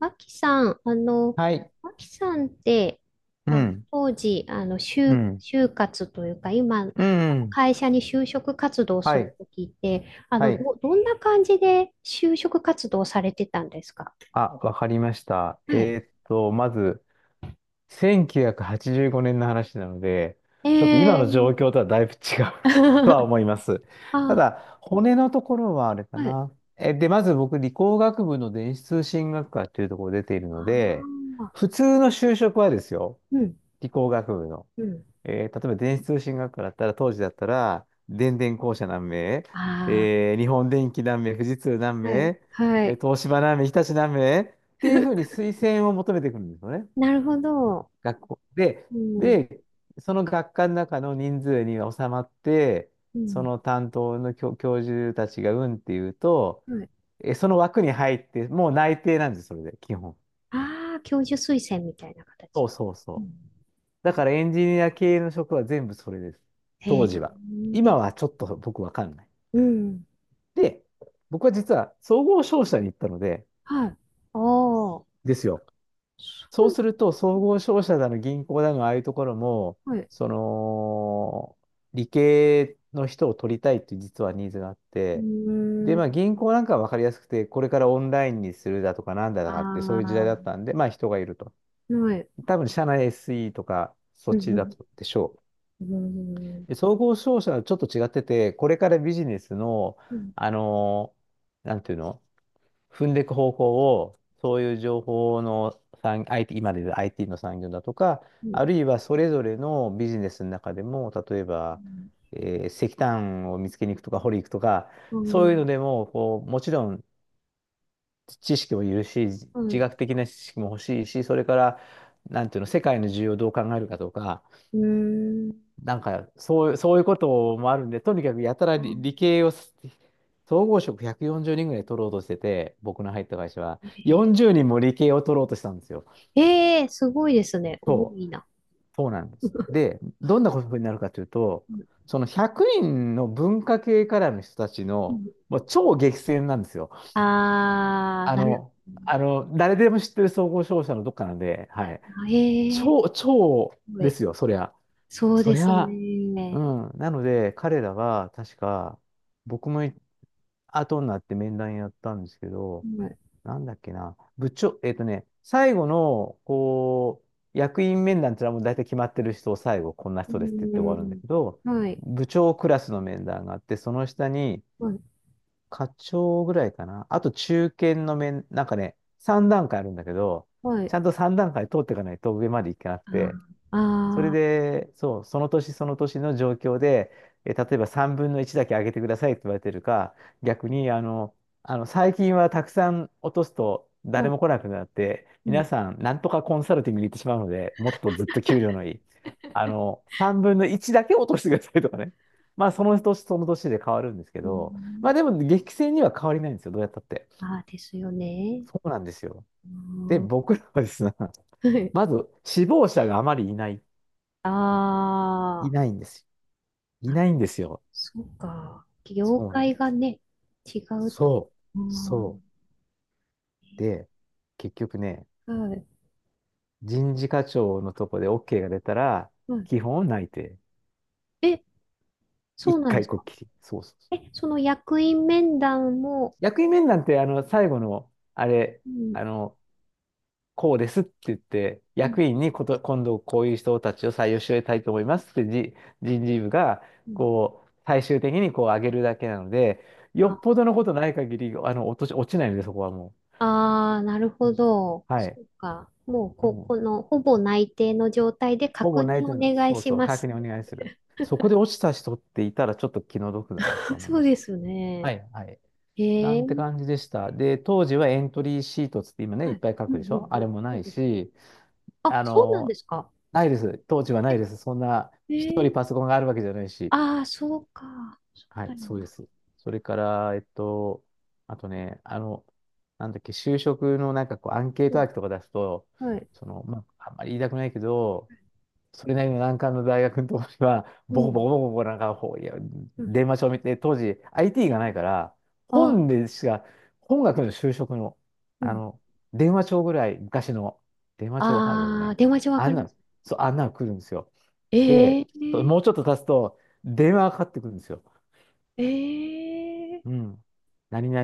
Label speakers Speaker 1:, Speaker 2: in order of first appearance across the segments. Speaker 1: あきさん、
Speaker 2: はい。
Speaker 1: あきさんって、
Speaker 2: う
Speaker 1: あ、
Speaker 2: ん、
Speaker 1: 当時、あの、
Speaker 2: う
Speaker 1: 就、
Speaker 2: ん、
Speaker 1: 就活というか、今、
Speaker 2: うん。
Speaker 1: 会社に就職活動す
Speaker 2: は
Speaker 1: る
Speaker 2: い、
Speaker 1: ときって、
Speaker 2: はい。
Speaker 1: どんな感じで就職活動されてたんですか？
Speaker 2: あ、わかりました。
Speaker 1: はい。
Speaker 2: まず、1985年の話なので、
Speaker 1: え
Speaker 2: ちょっと今の状
Speaker 1: ー、
Speaker 2: 況とはだいぶ違う とは 思います。た
Speaker 1: あ、
Speaker 2: だ、骨のところはあれか
Speaker 1: はい。
Speaker 2: な。で、まず僕、理工学部の電子通信学科というところ出ている
Speaker 1: あ
Speaker 2: ので、
Speaker 1: あ、
Speaker 2: 普通の就職はですよ。
Speaker 1: うん、
Speaker 2: 理工学部の。
Speaker 1: うん。
Speaker 2: 例えば電子通信学科だったら、当時だったら、電電公社何名、
Speaker 1: あ
Speaker 2: 日本電機何名、富士通何
Speaker 1: あ、はい、
Speaker 2: 名、
Speaker 1: はい。
Speaker 2: 東芝何名、日立何名っていうふうに 推薦を求めていくるんですよね。
Speaker 1: なるほど。
Speaker 2: 学校で、
Speaker 1: うん、
Speaker 2: で、その学科の中の人数に収まって、
Speaker 1: う
Speaker 2: そ
Speaker 1: ん、
Speaker 2: の担当の教授たちがうんっていうと、
Speaker 1: はい。
Speaker 2: その枠に入って、もう内定なんです、それで、基本。
Speaker 1: ああ、教授推薦みたいな
Speaker 2: そ
Speaker 1: 形。
Speaker 2: うそう
Speaker 1: う
Speaker 2: そう。
Speaker 1: ん。
Speaker 2: だからエンジニア系の職は全部それです。
Speaker 1: へ
Speaker 2: 当
Speaker 1: え、
Speaker 2: 時は。今はちょっと僕わかんない。
Speaker 1: うん。
Speaker 2: で、僕は実は総合商社に行ったので、
Speaker 1: はい。ああ、そ
Speaker 2: ですよ。そ
Speaker 1: う
Speaker 2: うす
Speaker 1: な
Speaker 2: ると、総合商社だの銀行だの、ああいうところも、
Speaker 1: の、はい。
Speaker 2: その、理系の人を取りたいっていう実はニーズがあっ
Speaker 1: う
Speaker 2: て、で、
Speaker 1: ー
Speaker 2: まあ
Speaker 1: ん。
Speaker 2: 銀行なんかはわかりやすくて、これからオンラインにするだとかなんだとかって、そういう時代
Speaker 1: あ
Speaker 2: だったんで、まあ人がいると。
Speaker 1: あ、はい。
Speaker 2: 多分社内 SE とか、そっ
Speaker 1: うん、
Speaker 2: ち
Speaker 1: う
Speaker 2: だっ
Speaker 1: ん、
Speaker 2: たでしょう。
Speaker 1: うん、
Speaker 2: で総合商社はちょっと違ってて、これからビジネスの、
Speaker 1: うん、
Speaker 2: あのなんていうの、踏んでいく方向を、そういう情報の産、IT、今で言う IT の産業だとか、
Speaker 1: うん、
Speaker 2: あるいはそれぞれのビジネスの中でも、例えば、え石炭を見つけに行くとか、掘り行くとか、
Speaker 1: う
Speaker 2: そういうの
Speaker 1: ん、
Speaker 2: でも、こう、もちろん知識もいるし、自
Speaker 1: うん、うん。
Speaker 2: 学的な知識も欲しいし、それから、なんていうの、世界の需要をどう考えるかとか、
Speaker 1: うん。うん。
Speaker 2: なんか、そう、そういうこともあるんで、とにかくやたら
Speaker 1: あ
Speaker 2: 理系を総合職140人ぐらい取ろうとしてて、僕の入った会社は、
Speaker 1: ー、え
Speaker 2: 40人も理系を取ろうとしたんですよ。
Speaker 1: え、すごいですね。多いな。
Speaker 2: そうなんです。で、どんなことになるかというと、
Speaker 1: うん。
Speaker 2: その100人の文化系からの人たち
Speaker 1: う
Speaker 2: の、
Speaker 1: ん。
Speaker 2: もう超激戦なんですよ。
Speaker 1: ああ、
Speaker 2: あ
Speaker 1: なる
Speaker 2: の、
Speaker 1: ほ
Speaker 2: あ
Speaker 1: ど。
Speaker 2: の、誰でも知ってる総合商社のどっかなんで、はい。
Speaker 1: あ、ええ、
Speaker 2: 超、超
Speaker 1: すご
Speaker 2: で
Speaker 1: い。
Speaker 2: すよ、そりゃ。
Speaker 1: そう
Speaker 2: そ
Speaker 1: で
Speaker 2: り
Speaker 1: す
Speaker 2: ゃ、う
Speaker 1: ね。
Speaker 2: ん。なので、彼らは、確か、僕もい後になって面談やったんですけど、
Speaker 1: はい。
Speaker 2: なんだっけな、部長、最後の、こう、役員面談ってのはもう大体決まってる人を最後、こんな
Speaker 1: う
Speaker 2: 人ですって言って終わるんだ
Speaker 1: ん、
Speaker 2: けど、
Speaker 1: はい。
Speaker 2: 部長クラスの面談があって、その下に
Speaker 1: はい。
Speaker 2: 課長ぐらいかな、あと中堅の面、なんかね、3段階あるんだけど、
Speaker 1: は
Speaker 2: ち
Speaker 1: い。
Speaker 2: ゃんと3段階通っていかないと上までいけなくて、
Speaker 1: ああ、
Speaker 2: それ
Speaker 1: ああ。
Speaker 2: で、そう、その年その年の状況で、例えば3分の1だけ上げてくださいって言われてるか、逆に、あの、最近はたくさん落とすと
Speaker 1: う
Speaker 2: 誰
Speaker 1: ん。
Speaker 2: も来なくなって、
Speaker 1: う
Speaker 2: 皆
Speaker 1: ん。
Speaker 2: さん、なんとかコンサルティングに行ってしまうので、もっとずっと給料のいい。あの、3分の1だけ落としてくださいとかね。まあ、その年その年で変わるんですけ
Speaker 1: う
Speaker 2: ど、ま
Speaker 1: ん。
Speaker 2: あ、でも、激戦には変わりないんですよ、どうやったって。
Speaker 1: ああ、ですよね。
Speaker 2: そうなんですよ。
Speaker 1: う
Speaker 2: で、
Speaker 1: ん。
Speaker 2: 僕らはですね、ま ず、死亡者があまりいない、
Speaker 1: あー
Speaker 2: い
Speaker 1: あ、
Speaker 2: ないんですよ。いないんですよ。
Speaker 1: そうか。業
Speaker 2: そうなん
Speaker 1: 界
Speaker 2: で
Speaker 1: が
Speaker 2: す。
Speaker 1: ね、違うと。
Speaker 2: そう、
Speaker 1: うん。は
Speaker 2: そう。で、結局ね、
Speaker 1: い。
Speaker 2: 人事課長のとこで OK が出たら、
Speaker 1: はい。
Speaker 2: 基本内定。
Speaker 1: え、そ
Speaker 2: 一
Speaker 1: うなんで
Speaker 2: 回
Speaker 1: す
Speaker 2: こっ
Speaker 1: か？
Speaker 2: きり。そうそうそう。
Speaker 1: え、その役員面談も、
Speaker 2: 役員面談って、あの、最後の、あれ、
Speaker 1: う
Speaker 2: あ
Speaker 1: ん。
Speaker 2: の、こうですって言って、
Speaker 1: うん。
Speaker 2: 役員にこと、今度こういう人たちを採用してたいと思いますってじ、人事部が、
Speaker 1: うん。
Speaker 2: こう、最終的にこう上げるだけなので、よっぽどのことない限り、あの、落とし、落ちないので、そこはも
Speaker 1: ああー、なる
Speaker 2: う。う
Speaker 1: ほ
Speaker 2: ん
Speaker 1: ど。
Speaker 2: は
Speaker 1: そ
Speaker 2: い。
Speaker 1: うか。もう、
Speaker 2: うん
Speaker 1: この、ほぼ内定の状態で
Speaker 2: ほ
Speaker 1: 確
Speaker 2: ぼない
Speaker 1: 認お
Speaker 2: といます。
Speaker 1: 願い
Speaker 2: そう
Speaker 1: し
Speaker 2: そう、
Speaker 1: ま
Speaker 2: 確
Speaker 1: す。
Speaker 2: 認お願いする。そこで落ちた人っていたらちょっと気の毒だなと 思い
Speaker 1: そ
Speaker 2: ま
Speaker 1: う
Speaker 2: し
Speaker 1: で
Speaker 2: た。
Speaker 1: す
Speaker 2: は
Speaker 1: ね。
Speaker 2: い、はい。な
Speaker 1: へえ。
Speaker 2: んて感じでした。で、当時はエントリーシートつって今ね、い
Speaker 1: は
Speaker 2: っ
Speaker 1: い。
Speaker 2: ぱい書
Speaker 1: うん、う
Speaker 2: くで
Speaker 1: ん、
Speaker 2: しょあ
Speaker 1: う
Speaker 2: れ
Speaker 1: ん。
Speaker 2: も
Speaker 1: そ
Speaker 2: な
Speaker 1: う
Speaker 2: い
Speaker 1: ですね。
Speaker 2: し、
Speaker 1: あ、
Speaker 2: あ
Speaker 1: そうなんで
Speaker 2: の、
Speaker 1: すか？
Speaker 2: ないです。当時はな
Speaker 1: え、
Speaker 2: いです。そんな、
Speaker 1: え
Speaker 2: 一人
Speaker 1: ー、
Speaker 2: パソコンがあるわけじゃないし。
Speaker 1: ああ、そうか。そう
Speaker 2: は
Speaker 1: だ
Speaker 2: い、
Speaker 1: よ
Speaker 2: そうで
Speaker 1: な。
Speaker 2: す。それから、えっと、あとね、あの、なんだっけ、就職のなんかこう、アンケート
Speaker 1: う
Speaker 2: ワー
Speaker 1: ん、
Speaker 2: クとか出すと、
Speaker 1: はい。
Speaker 2: その、まあ、あんまり言いたくないけど、それなりの難関の大学のところには、
Speaker 1: う
Speaker 2: ボコボ
Speaker 1: ん、
Speaker 2: コボコボコなんか、ほういや、
Speaker 1: うん。
Speaker 2: 電話帳見て、当時 IT が
Speaker 1: え、
Speaker 2: ないから、
Speaker 1: あ、
Speaker 2: 本でしか、本学の就職の、
Speaker 1: う
Speaker 2: あ
Speaker 1: ん。
Speaker 2: の、電話帳ぐらい、昔の電話帳わかるよ
Speaker 1: ああ、
Speaker 2: ね。
Speaker 1: 電話帳わ
Speaker 2: あ
Speaker 1: か
Speaker 2: ん
Speaker 1: り
Speaker 2: な
Speaker 1: ま
Speaker 2: の、
Speaker 1: す。
Speaker 2: そう、あんなの来るんですよ。
Speaker 1: え
Speaker 2: で、
Speaker 1: え
Speaker 2: そう
Speaker 1: ー、
Speaker 2: もうちょっと経つと、電話がかかってくるんですよ。
Speaker 1: ええ
Speaker 2: うん。何々、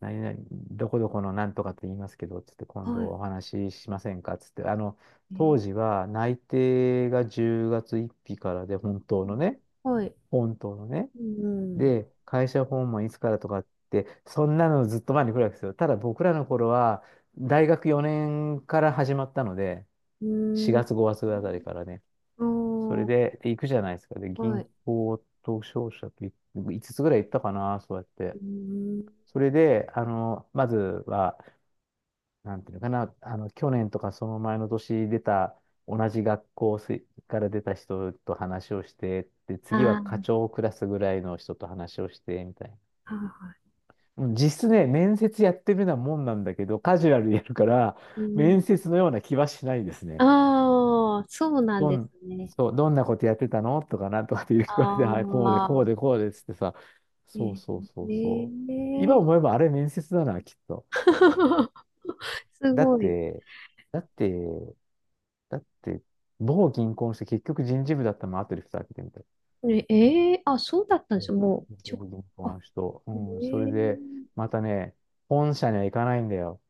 Speaker 2: 何々、どこどこのなんとかって言いますけど、つって
Speaker 1: ー、
Speaker 2: 今
Speaker 1: は
Speaker 2: 度
Speaker 1: い。
Speaker 2: お話ししませんかつって、あの、
Speaker 1: え
Speaker 2: 当
Speaker 1: ー、
Speaker 2: 時は内定が10月1日からで、本当
Speaker 1: う
Speaker 2: の
Speaker 1: ん。
Speaker 2: ね、
Speaker 1: はい。
Speaker 2: 本当のね。
Speaker 1: うん。
Speaker 2: で、会社訪問いつからとかって、そんなのずっと前に来るわけですよ。ただ僕らの頃は、大学4年から始まったので、
Speaker 1: うー
Speaker 2: 4
Speaker 1: ん。
Speaker 2: 月5月あたりからね。
Speaker 1: あ
Speaker 2: それ
Speaker 1: あ、
Speaker 2: で、で行くじゃないですか。で、
Speaker 1: は
Speaker 2: 銀
Speaker 1: い。
Speaker 2: 行と商社と5つぐらい行ったかな、そうやっ
Speaker 1: う
Speaker 2: て。
Speaker 1: ーん。
Speaker 2: それで、あの、まずは、なんていうのかな、あの、去年とかその前の年出た、同じ学校から出た人と話をして、で、次は課
Speaker 1: あ
Speaker 2: 長クラスぐらいの人と話をして、みたいな。
Speaker 1: あ、はいは
Speaker 2: うん実質ね、面接やってるようなもんなんだけど、カジュアルでやるから、
Speaker 1: い。う
Speaker 2: 面
Speaker 1: ん。
Speaker 2: 接のような気はしないですね。
Speaker 1: ああ、そうなん
Speaker 2: ど
Speaker 1: です
Speaker 2: ん、
Speaker 1: ね。
Speaker 2: そう、どんなことやってたのとかなんとかっていう声
Speaker 1: あ
Speaker 2: で、はい、こうで、こう
Speaker 1: あ。
Speaker 2: で、こうでっつってさ、そうそ
Speaker 1: え
Speaker 2: うそうそう。今
Speaker 1: え。
Speaker 2: 思えばあれ面接だな、きっと。
Speaker 1: ーす
Speaker 2: だっ
Speaker 1: ごい。
Speaker 2: て、だって、だって、某銀行の人、結局人事部だったのも後で蓋開けてみたら。
Speaker 1: ねえー、あ、そうだったんで
Speaker 2: そ
Speaker 1: すよ。
Speaker 2: う
Speaker 1: もう、ちょ、
Speaker 2: 某銀行の
Speaker 1: あ、
Speaker 2: 人。う
Speaker 1: え
Speaker 2: ん、それ
Speaker 1: ー、
Speaker 2: で、またね、本社には行かないんだよ。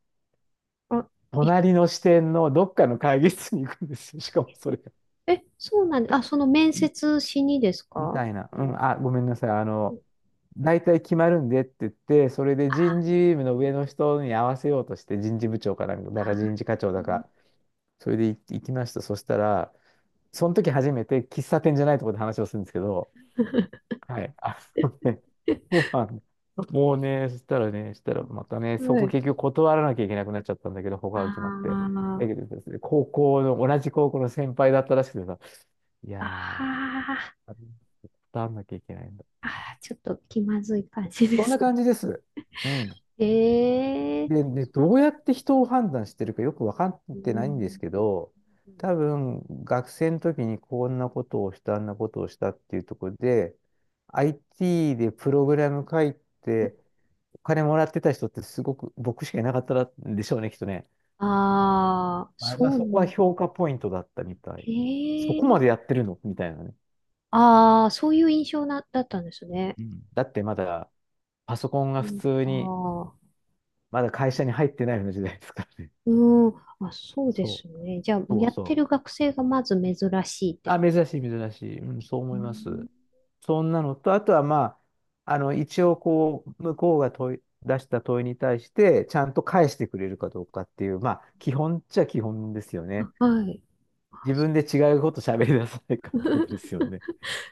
Speaker 1: あ、い
Speaker 2: 隣の支店のどっかの会議室に行くんですよ。しかもそれが。
Speaker 1: え、そうなんで、あ、その面接しにです
Speaker 2: み
Speaker 1: か？
Speaker 2: たいな。う
Speaker 1: うん。
Speaker 2: ん、あ、ごめんなさい。あの、大体決まるんでって言って、それで人
Speaker 1: あ
Speaker 2: 事部の上の人に合わせようとして、人事部長かなんか、だ
Speaker 1: あ、
Speaker 2: から人事課長だか、それで行きました。そしたら、その時初めて喫茶店じゃないところで話をするんですけど、はい。あのね、そうなんだもうね、そしたらまたね、そ
Speaker 1: は
Speaker 2: こ
Speaker 1: い。
Speaker 2: 結局断らなきゃいけなくなっちゃったんだけど、他
Speaker 1: あ
Speaker 2: が決まって。だ
Speaker 1: あ、
Speaker 2: けどですね、高校の、同じ高校の先輩だったらしくてさ、い
Speaker 1: あ
Speaker 2: や
Speaker 1: あ、
Speaker 2: ー、断らなきゃいけないんだ。
Speaker 1: あー、ちょっと気まずい感じで
Speaker 2: そんな
Speaker 1: す。
Speaker 2: 感じです。うん。
Speaker 1: え
Speaker 2: で、
Speaker 1: え
Speaker 2: で、どうやって人を判断してるかよく分かっ
Speaker 1: ー、う
Speaker 2: てないんです
Speaker 1: ん。
Speaker 2: けど、多分、学生の時にこんなことをした、あんなことをしたっていうところで、IT でプログラム書いて、金もらってた人ってすごく僕しかいなかったんでしょうね、きっとね。
Speaker 1: ああ、
Speaker 2: まあ、
Speaker 1: そうな
Speaker 2: そこは
Speaker 1: ん、
Speaker 2: 評価ポイントだったみたい。そ
Speaker 1: え
Speaker 2: こまで
Speaker 1: え。
Speaker 2: やってるのみたいなね。
Speaker 1: ああ、そういう印象な、だったんですね。
Speaker 2: うん。だってまだパソコンが
Speaker 1: う
Speaker 2: 普通
Speaker 1: ん、
Speaker 2: に、
Speaker 1: ああ、
Speaker 2: まだ会社に入ってないような時代ですからね。
Speaker 1: うん、あ、そうで
Speaker 2: そ
Speaker 1: す
Speaker 2: う、
Speaker 1: ね。じゃあ、
Speaker 2: そう
Speaker 1: やって
Speaker 2: そう。
Speaker 1: る学生がまず珍しいって
Speaker 2: あ、
Speaker 1: か。
Speaker 2: 珍しい、珍しい。うん、そう
Speaker 1: う
Speaker 2: 思います。
Speaker 1: ん。
Speaker 2: そんなのと、あとはまあ、一応こう、向こうが出した問いに対して、ちゃんと返してくれるかどうかっていう、まあ、基本っちゃ基本ですよね。
Speaker 1: あ、はい。あ、
Speaker 2: 自分で違うこと喋り出さないかってことですよね。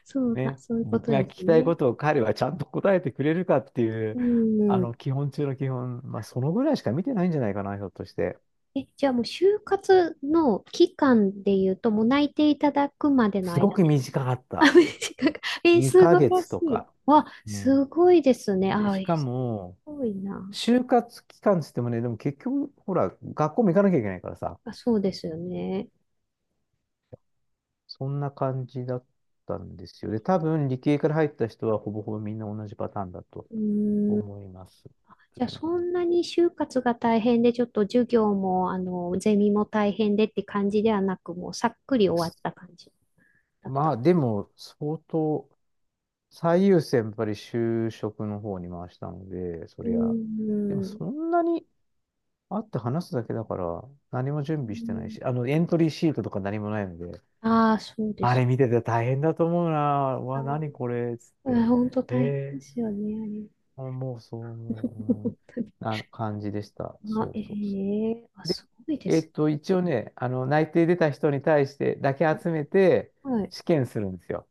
Speaker 1: そうだ、
Speaker 2: ね。
Speaker 1: そういうこ
Speaker 2: 僕
Speaker 1: と
Speaker 2: が
Speaker 1: で
Speaker 2: 聞
Speaker 1: す
Speaker 2: きたいこ
Speaker 1: ね。
Speaker 2: とを彼はちゃんと答えてくれるかっていう、
Speaker 1: うん。
Speaker 2: 基本中の基本、まあ、そのぐらいしか見てないんじゃないかな、ひょっとして。
Speaker 1: え、じゃあもう就活の期間で言うと、もう内定いただくまでの
Speaker 2: すご
Speaker 1: 間
Speaker 2: く
Speaker 1: で。
Speaker 2: 短かっ
Speaker 1: あ、
Speaker 2: た。
Speaker 1: 短く。え、素
Speaker 2: 2
Speaker 1: 晴
Speaker 2: ヶ
Speaker 1: ら
Speaker 2: 月
Speaker 1: し
Speaker 2: と
Speaker 1: い。
Speaker 2: か。
Speaker 1: わ、
Speaker 2: う
Speaker 1: す
Speaker 2: ん。
Speaker 1: ごいですね。
Speaker 2: で、
Speaker 1: あ、
Speaker 2: しか
Speaker 1: す
Speaker 2: も、
Speaker 1: ごいな。
Speaker 2: 就活期間つってもね、でも結局、ほら、学校も行かなきゃいけないからさ、
Speaker 1: あ、そうですよね。
Speaker 2: そんな感じだったんですよ。で、多分、理系から入った人はほぼほぼみんな同じパターンだと
Speaker 1: うーん。
Speaker 2: 思います。
Speaker 1: じゃ
Speaker 2: う
Speaker 1: あ、そ
Speaker 2: ん
Speaker 1: んなに就活が大変で、ちょっと授業も、ゼミも大変でって感じではなく、もうさっくり終わった感じだっ
Speaker 2: まあ
Speaker 1: た。
Speaker 2: でも、相当、最優先やっぱり就職の方に回したので、そ
Speaker 1: う
Speaker 2: りゃ、
Speaker 1: ー
Speaker 2: でもそ
Speaker 1: ん。
Speaker 2: んなに会って話すだけだから、何も準備してないし、エントリーシートとか何もないので、
Speaker 1: ああー、そうで
Speaker 2: あ
Speaker 1: す。
Speaker 2: れ見てて大変だと思うな、うわ、何
Speaker 1: あ
Speaker 2: これ、つって、
Speaker 1: ー、本当大変で
Speaker 2: え
Speaker 1: すよね、あれ。
Speaker 2: あもうそう
Speaker 1: 本
Speaker 2: 思う、うん、
Speaker 1: 当に。
Speaker 2: な感じでした。
Speaker 1: あ、
Speaker 2: そう
Speaker 1: え
Speaker 2: そうそ
Speaker 1: え、あ、
Speaker 2: う。で、
Speaker 1: すごいです
Speaker 2: 一応ね、内定出た人に対してだけ
Speaker 1: ね。
Speaker 2: 集めて
Speaker 1: あ、はい。
Speaker 2: 試験するんですよ。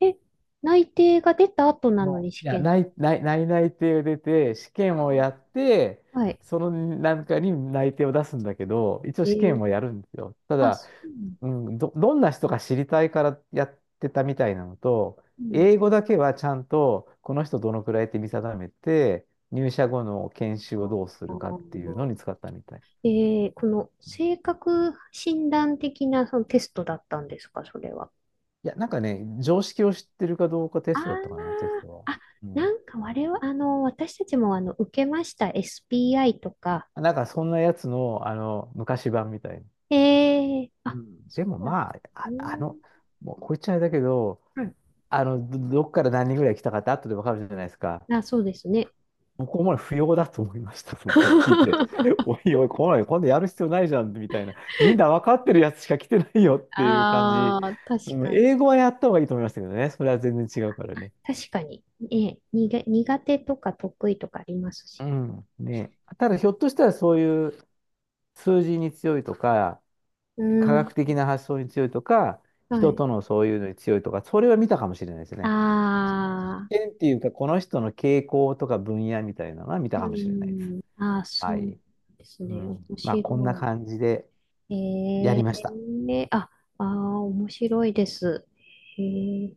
Speaker 1: え、内定が出た後なのに
Speaker 2: い
Speaker 1: 試
Speaker 2: や、
Speaker 1: 験？
Speaker 2: 内内定を出て、試
Speaker 1: あ、
Speaker 2: 験をやって、
Speaker 1: はい。
Speaker 2: そのなんかに内定を出すんだけど、一応
Speaker 1: え
Speaker 2: 試験
Speaker 1: え、
Speaker 2: をやるんですよ。た
Speaker 1: あ、
Speaker 2: だ、
Speaker 1: そう。
Speaker 2: うん、どんな人か知りたいからやってたみたいなのと、
Speaker 1: うん。
Speaker 2: 英語だけはちゃんと、この人どのくらいって見定めて、入社後の研修
Speaker 1: あ
Speaker 2: をどうす
Speaker 1: あ。
Speaker 2: るかっていうのに使ったみたい。
Speaker 1: えー、この性格診断的なそのテストだったんですか、それは？
Speaker 2: いや、なんかね、常識を知ってるかどうかテストだったかな、テ
Speaker 1: あ
Speaker 2: ストは。
Speaker 1: あ、あ、
Speaker 2: う
Speaker 1: な
Speaker 2: ん。
Speaker 1: んか我々、私たちもあの受けました、SPI とか。
Speaker 2: なんかそんなやつの、昔版みたいな。
Speaker 1: えー、
Speaker 2: う
Speaker 1: あ、
Speaker 2: ん、
Speaker 1: そ
Speaker 2: でも
Speaker 1: うなん、
Speaker 2: まあ、
Speaker 1: うーん、
Speaker 2: もうこいつあれだけど、
Speaker 1: うん、
Speaker 2: どっから何人ぐらい来たかって後でわかるじゃないですか。
Speaker 1: あ、そうですね。
Speaker 2: 僕も不要だと思いました、それ見て。おいおい、来ない、今度やる必要ないじゃん、みたいな。みんな分かってるやつしか来てないよっていう感じ。
Speaker 1: ああ、確
Speaker 2: うん、
Speaker 1: かに。
Speaker 2: 英語はやった方がいいと思いましたけどね。それは全然違うからね。
Speaker 1: 確かに。ええ、苦手とか得意とかありますし
Speaker 2: う
Speaker 1: ね。
Speaker 2: ん、ね。ただ、ひょっとしたらそういう数字に強いとか、
Speaker 1: う
Speaker 2: 科
Speaker 1: ん。
Speaker 2: 学的な発想に強いとか、
Speaker 1: は
Speaker 2: 人
Speaker 1: い。
Speaker 2: とのそういうのに強いとか、それは見たかもしれないですね。
Speaker 1: あ、
Speaker 2: 見っていうか、この人の傾向とか分野みたいなのは見たか
Speaker 1: う
Speaker 2: もしれないです。
Speaker 1: ん。ああ、
Speaker 2: は
Speaker 1: そう
Speaker 2: い。
Speaker 1: です
Speaker 2: う
Speaker 1: ね。
Speaker 2: ん。
Speaker 1: 面
Speaker 2: まあ、こんな
Speaker 1: 白い。
Speaker 2: 感じで
Speaker 1: え
Speaker 2: やりました。
Speaker 1: え、あ、ああ、面白いです。へえ。